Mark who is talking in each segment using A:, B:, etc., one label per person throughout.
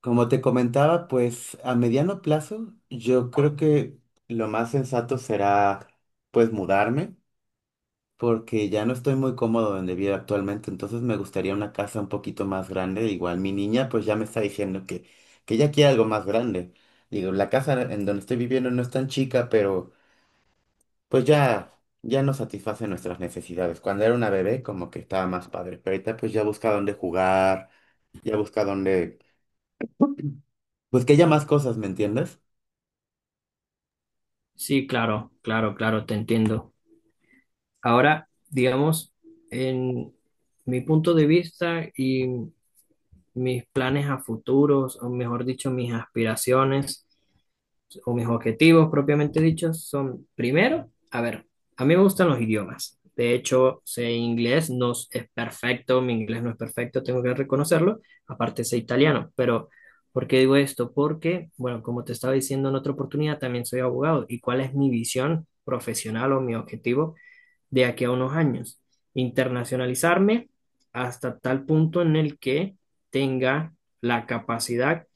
A: Como te comentaba, pues a mediano plazo yo creo que lo más sensato será pues mudarme, porque ya no estoy muy cómodo donde vivo actualmente, entonces me gustaría una casa un poquito más grande. Igual mi niña pues ya me está diciendo que ella quiere algo más grande. Digo, la casa en donde estoy viviendo no es tan chica, pero pues ya no satisface nuestras necesidades. Cuando era una bebé como que estaba más padre, pero ahorita pues ya busca dónde jugar, ya busca pues que haya más cosas, ¿me entiendes?
B: Sí, claro, claro, claro, te entiendo. Ahora, digamos, en mi punto de vista y mis planes a futuros, o mejor dicho, mis aspiraciones, o mis objetivos propiamente dichos son, primero, a ver, a mí me gustan los idiomas. De hecho, sé inglés, no es perfecto, mi inglés no es perfecto, tengo que reconocerlo. Aparte, sé italiano. Pero ¿por qué digo esto? Porque, bueno, como te estaba diciendo en otra oportunidad, también soy abogado. ¿Y cuál es mi visión profesional o mi objetivo de aquí a unos años? Internacionalizarme hasta tal punto en el que tenga la capacidad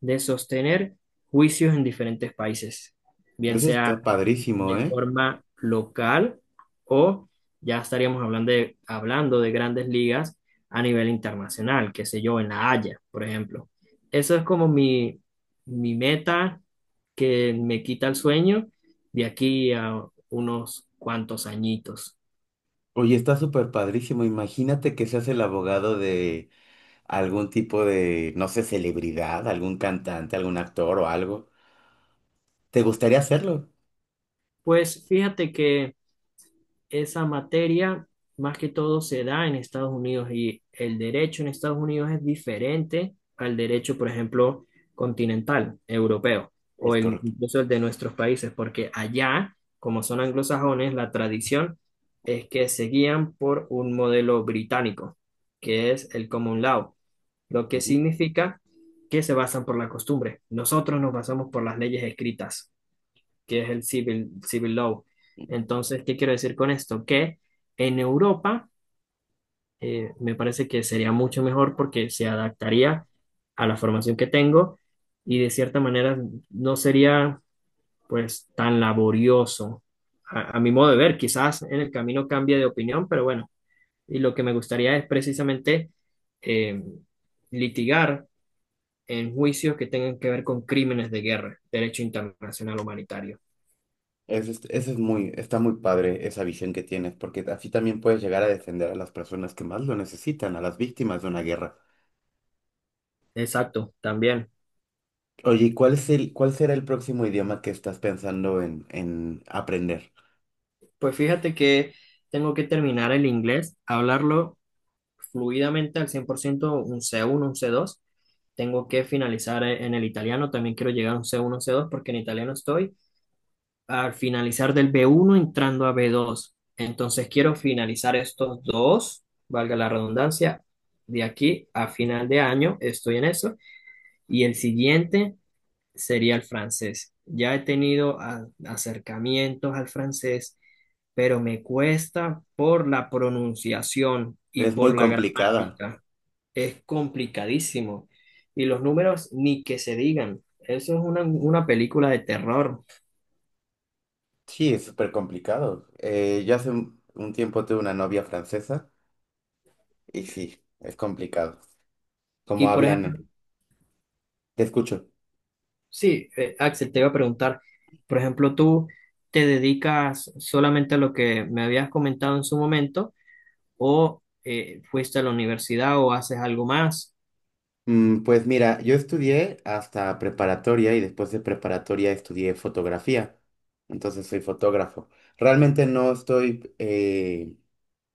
B: de sostener juicios en diferentes países, bien
A: Eso
B: sea
A: está padrísimo,
B: de
A: ¿eh?
B: forma local o ya estaríamos hablando de, grandes ligas a nivel internacional, qué sé yo, en La Haya, por ejemplo. Eso es como mi meta que me quita el sueño de aquí a unos cuantos añitos.
A: Oye, está súper padrísimo. Imagínate que seas el abogado de algún tipo de, no sé, celebridad, algún cantante, algún actor o algo. ¿Te gustaría hacerlo?
B: Pues fíjate que esa materia más que todo se da en Estados Unidos y el derecho en Estados Unidos es diferente al derecho, por ejemplo, continental, europeo, o
A: Es correcto.
B: incluso el de nuestros países, porque allá, como son anglosajones, la tradición es que se guían por un modelo británico, que es el common law, lo que
A: Ujú.
B: significa que se basan por la costumbre. Nosotros nos basamos por las leyes escritas que es el civil law. Entonces ¿qué quiero decir con esto? Que en Europa me parece que sería mucho mejor porque se adaptaría a la formación que tengo y de cierta manera no sería pues tan laborioso. A mi modo de ver, quizás en el camino cambie de opinión, pero bueno, y lo que me gustaría es precisamente eh, litigar en juicios que tengan que ver con crímenes de guerra, derecho internacional humanitario.
A: Eso es muy, está muy padre esa visión que tienes, porque así también puedes llegar a defender a las personas que más lo necesitan, a las víctimas de una guerra.
B: Exacto, también.
A: Oye, ¿cuál será el próximo idioma que estás pensando en aprender?
B: Pues fíjate que tengo que terminar el inglés, hablarlo fluidamente al 100%, un C1, un C2. Tengo que finalizar en el italiano, también quiero llegar a un C1, C2, porque en italiano estoy al finalizar del B1 entrando a B2. Entonces quiero finalizar estos dos, valga la redundancia, de aquí a final de año estoy en eso y el siguiente sería el francés. Ya he tenido acercamientos al francés pero me cuesta por la pronunciación y
A: Es muy
B: por la
A: complicada.
B: gramática. Es complicadísimo. Y los números ni que se digan. Eso es una película de terror.
A: Sí, es súper complicado. Yo hace un tiempo tuve una novia francesa y sí, es complicado. ¿Cómo
B: Y por
A: hablan,
B: ejemplo,
A: eh? Te escucho.
B: sí, Axel, te iba a preguntar, por ejemplo, ¿tú te dedicas solamente a lo que me habías comentado en su momento o fuiste a la universidad o haces algo más?
A: Pues mira, yo estudié hasta preparatoria y después de preparatoria estudié fotografía. Entonces soy fotógrafo. Realmente no estoy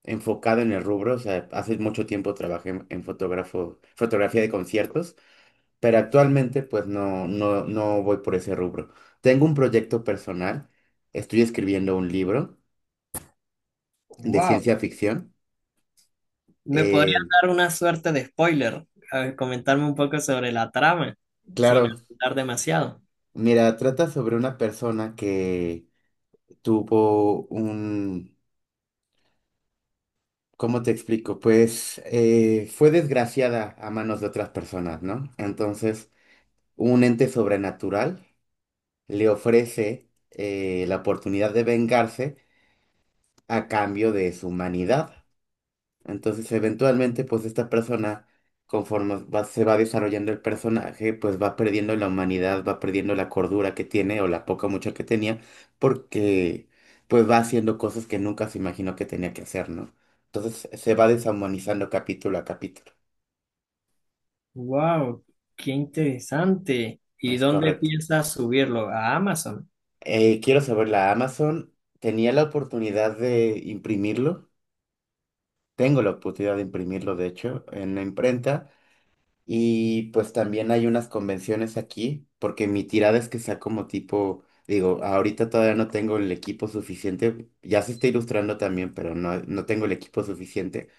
A: enfocado en el rubro. O sea, hace mucho tiempo trabajé en fotografía de conciertos, pero actualmente pues no, no, no voy por ese rubro. Tengo un proyecto personal, estoy escribiendo un libro de
B: Wow.
A: ciencia ficción.
B: ¿Me
A: Eh,
B: podrías dar una suerte de spoiler? A ver, comentarme un poco sobre la trama, sin
A: claro,
B: hablar demasiado.
A: mira, trata sobre una persona que tuvo un, ¿cómo te explico? Pues fue desgraciada a manos de otras personas, ¿no? Entonces, un ente sobrenatural le ofrece la oportunidad de vengarse a cambio de su humanidad. Entonces, eventualmente, pues esta persona, conforme se va desarrollando el personaje, pues va perdiendo la humanidad, va perdiendo la cordura que tiene o la poca o mucha que tenía, porque pues va haciendo cosas que nunca se imaginó que tenía que hacer, ¿no? Entonces se va deshumanizando capítulo a capítulo.
B: Wow, qué interesante. ¿Y
A: Es
B: dónde
A: correcto.
B: piensas subirlo? A Amazon.
A: Quiero saber, la Amazon tenía la oportunidad de imprimirlo. Tengo la oportunidad de imprimirlo, de hecho, en la imprenta. Y pues también hay unas convenciones aquí, porque mi tirada es que sea como tipo, digo, ahorita todavía no tengo el equipo suficiente, ya se está ilustrando también, pero no, no tengo el equipo suficiente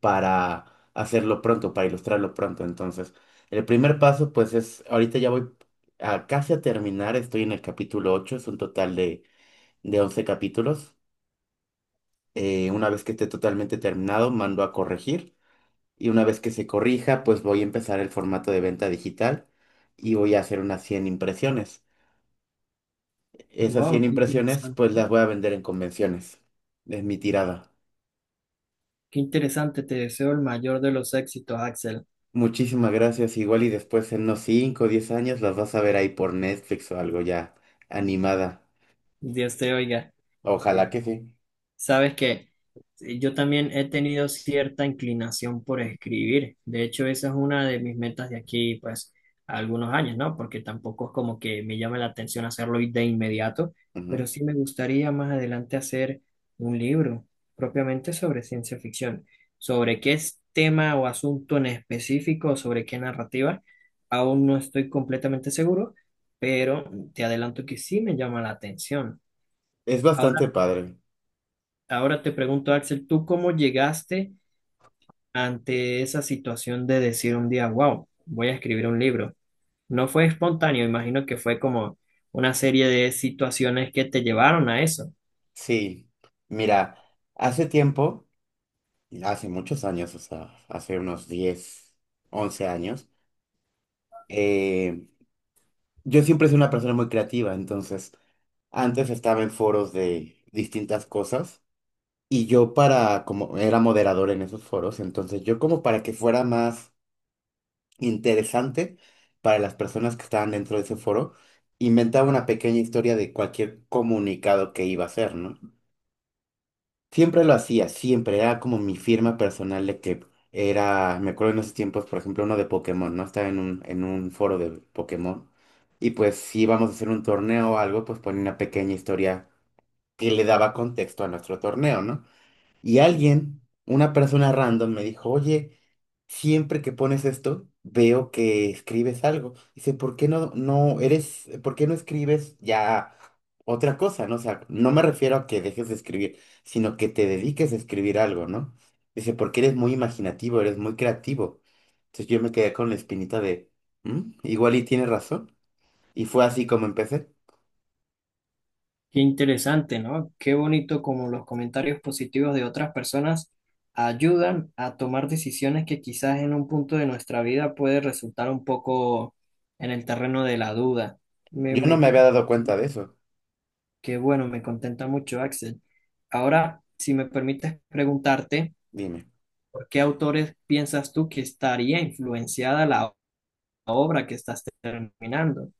A: para hacerlo pronto, para ilustrarlo pronto. Entonces, el primer paso pues es, ahorita ya voy a casi a terminar, estoy en el capítulo 8, es un total de 11 capítulos. Una vez que esté totalmente terminado, mando a corregir. Y una vez que se corrija, pues voy a empezar el formato de venta digital y voy a hacer unas 100 impresiones. Esas
B: Wow,
A: 100
B: qué
A: impresiones,
B: interesante.
A: pues las voy a vender en convenciones. Es mi tirada.
B: Qué interesante. Te deseo el mayor de los éxitos, Axel.
A: Muchísimas gracias. Igual y después en unos 5 o 10 años las vas a ver ahí por Netflix o algo ya animada.
B: Dios te oiga.
A: Ojalá que sí.
B: Sabes que yo también he tenido cierta inclinación por escribir. De hecho, esa es una de mis metas de aquí, pues, a algunos años, ¿no? Porque tampoco es como que me llame la atención hacerlo de inmediato, pero
A: Ujú.
B: sí me gustaría más adelante hacer un libro propiamente sobre ciencia ficción. Sobre qué es tema o asunto en específico, o sobre qué narrativa, aún no estoy completamente seguro, pero te adelanto que sí me llama la atención.
A: Es bastante padre.
B: Ahora te pregunto, Axel, ¿tú cómo llegaste ante esa situación de decir un día, wow, voy a escribir un libro? No fue espontáneo, imagino que fue como una serie de situaciones que te llevaron a eso.
A: Sí. Mira, hace tiempo, hace muchos años, o sea, hace unos 10 11 años, eh, yo siempre soy una persona muy creativa, entonces antes estaba en foros de distintas cosas y yo para, como era moderador en esos foros, entonces yo como para que fuera más interesante para las personas que estaban dentro de ese foro, inventaba una pequeña historia de cualquier comunicado que iba a hacer, ¿no? Siempre lo hacía, siempre. Era como mi firma personal de que era, me acuerdo en esos tiempos, por ejemplo, uno de Pokémon, ¿no? Estaba en un foro de Pokémon. Y pues si íbamos a hacer un torneo o algo, pues ponía una pequeña historia que le daba contexto a nuestro torneo, ¿no? Y alguien, una persona random, me dijo, oye, siempre que pones esto, veo que escribes algo. Dice, ¿por qué no escribes ya otra cosa, ¿no? O sea, no me refiero a que dejes de escribir, sino que te dediques a escribir algo, ¿no? Dice, porque eres muy imaginativo, eres muy creativo. Entonces yo me quedé con la espinita de, Igual y tienes razón." Y fue así como empecé.
B: Qué interesante, ¿no? Qué bonito como los comentarios positivos de otras personas ayudan a tomar decisiones que quizás en un punto de nuestra vida puede resultar un poco en el terreno de la duda. Me,
A: Yo
B: me
A: no me había
B: encanta.
A: dado cuenta de eso.
B: Qué bueno, me contenta mucho, Axel. Ahora, si me permites preguntarte,
A: Dime.
B: ¿por qué autores piensas tú que estaría influenciada la obra que estás terminando?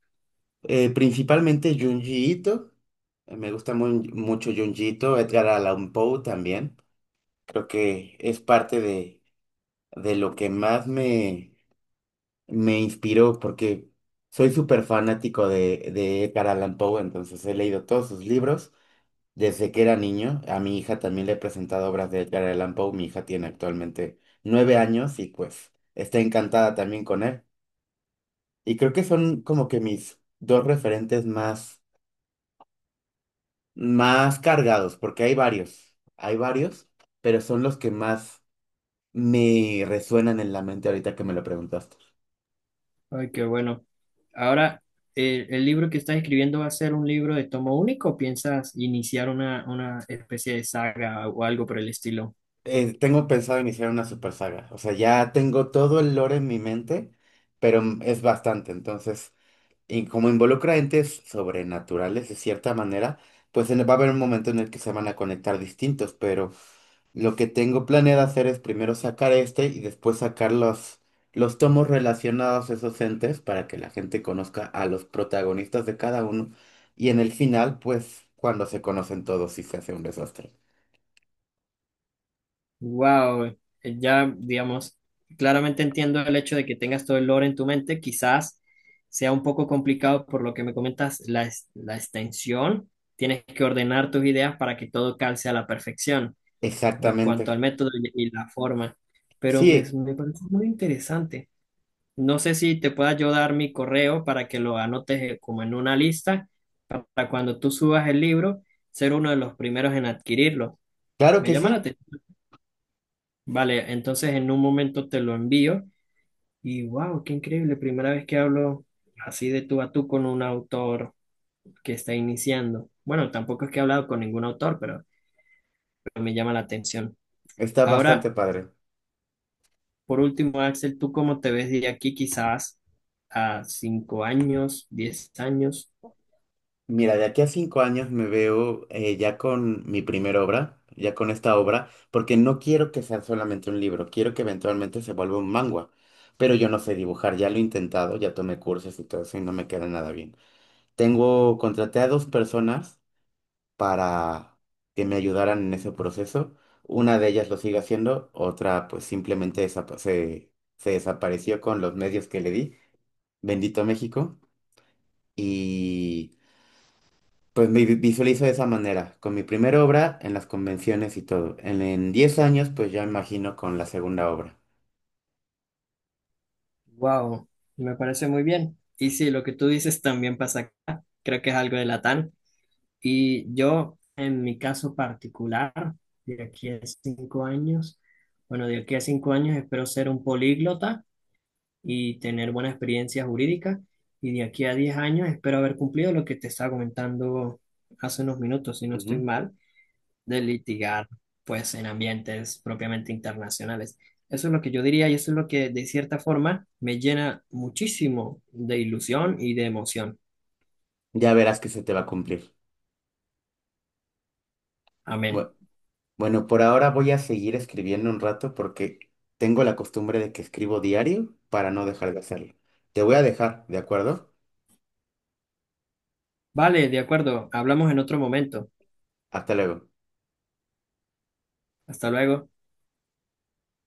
A: Principalmente Junji Ito. Me gusta mucho Junji Ito, Edgar Allan Poe también. Creo que es parte de lo que más me inspiró, porque soy súper fanático de Edgar Allan Poe, entonces he leído todos sus libros desde que era niño. A mi hija también le he presentado obras de Edgar Allan Poe. Mi hija tiene actualmente 9 años y pues está encantada también con él. Y creo que son como que mis dos referentes más, más cargados, porque hay varios, pero son los que más me resuenan en la mente ahorita que me lo preguntaste.
B: Ay, qué bueno. Ahora, ¿el libro que estás escribiendo va a ser un libro de tomo único o piensas iniciar una especie de saga o algo por el estilo?
A: Tengo pensado iniciar una super saga. O sea, ya tengo todo el lore en mi mente, pero es bastante. Entonces, y como involucra entes sobrenaturales de cierta manera, pues va a haber un momento en el que se van a conectar distintos, pero lo que tengo planeado hacer es primero sacar este y después sacar los tomos relacionados a esos entes para que la gente conozca a los protagonistas de cada uno. Y en el final, pues cuando se conocen todos, sí se hace un desastre.
B: Wow, ya digamos, claramente entiendo el hecho de que tengas todo el lore en tu mente, quizás sea un poco complicado por lo que me comentas, la extensión, tienes que ordenar tus ideas para que todo calce a la perfección en cuanto al
A: Exactamente.
B: método y la forma, pero me,
A: Sí,
B: me parece muy interesante. No sé si te pueda yo dar mi correo para que lo anotes como en una lista para cuando tú subas el libro, ser uno de los primeros en adquirirlo.
A: claro
B: Me
A: que
B: llama la
A: sí.
B: atención. Vale, entonces en un momento te lo envío y wow, qué increíble, primera vez que hablo así de tú a tú con un autor que está iniciando. Bueno, tampoco es que he hablado con ningún autor, pero me llama la atención.
A: Está bastante
B: Ahora,
A: padre.
B: por último, Axel, ¿tú cómo te ves de aquí quizás a 5 años, 10 años?
A: Mira, de aquí a 5 años me veo ya con mi primera obra, ya con esta obra, porque no quiero que sea solamente un libro, quiero que eventualmente se vuelva un manga. Pero yo no sé dibujar, ya lo he intentado, ya tomé cursos y todo eso y no me queda nada bien. Tengo, contraté a dos personas para que me ayudaran en ese proceso. Una de ellas lo sigue haciendo, otra pues simplemente se desapareció con los medios que le di. Bendito México. Y... Pues me visualizo de esa manera, con mi primera obra en las convenciones y todo. En 10 años, pues ya imagino con la segunda obra.
B: Wow, me parece muy bien. Y sí, lo que tú dices también pasa acá, creo que es algo de Latam. Y yo, en mi caso particular, de aquí a 5 años, bueno, de aquí a 5 años espero ser un políglota y tener buena experiencia jurídica. Y de aquí a 10 años espero haber cumplido lo que te estaba comentando hace unos minutos, si no estoy
A: Ujú.
B: mal, de litigar, pues, en ambientes propiamente internacionales. Eso es lo que yo diría y eso es lo que, de cierta forma, me llena muchísimo de ilusión y de emoción.
A: Ya verás que se te va a cumplir.
B: Amén.
A: Bue- Bueno, por ahora voy a seguir escribiendo un rato porque tengo la costumbre de que escribo diario para no dejar de hacerlo. Te voy a dejar, ¿de acuerdo?
B: Vale, de acuerdo, hablamos en otro momento.
A: Hasta luego.
B: Hasta luego.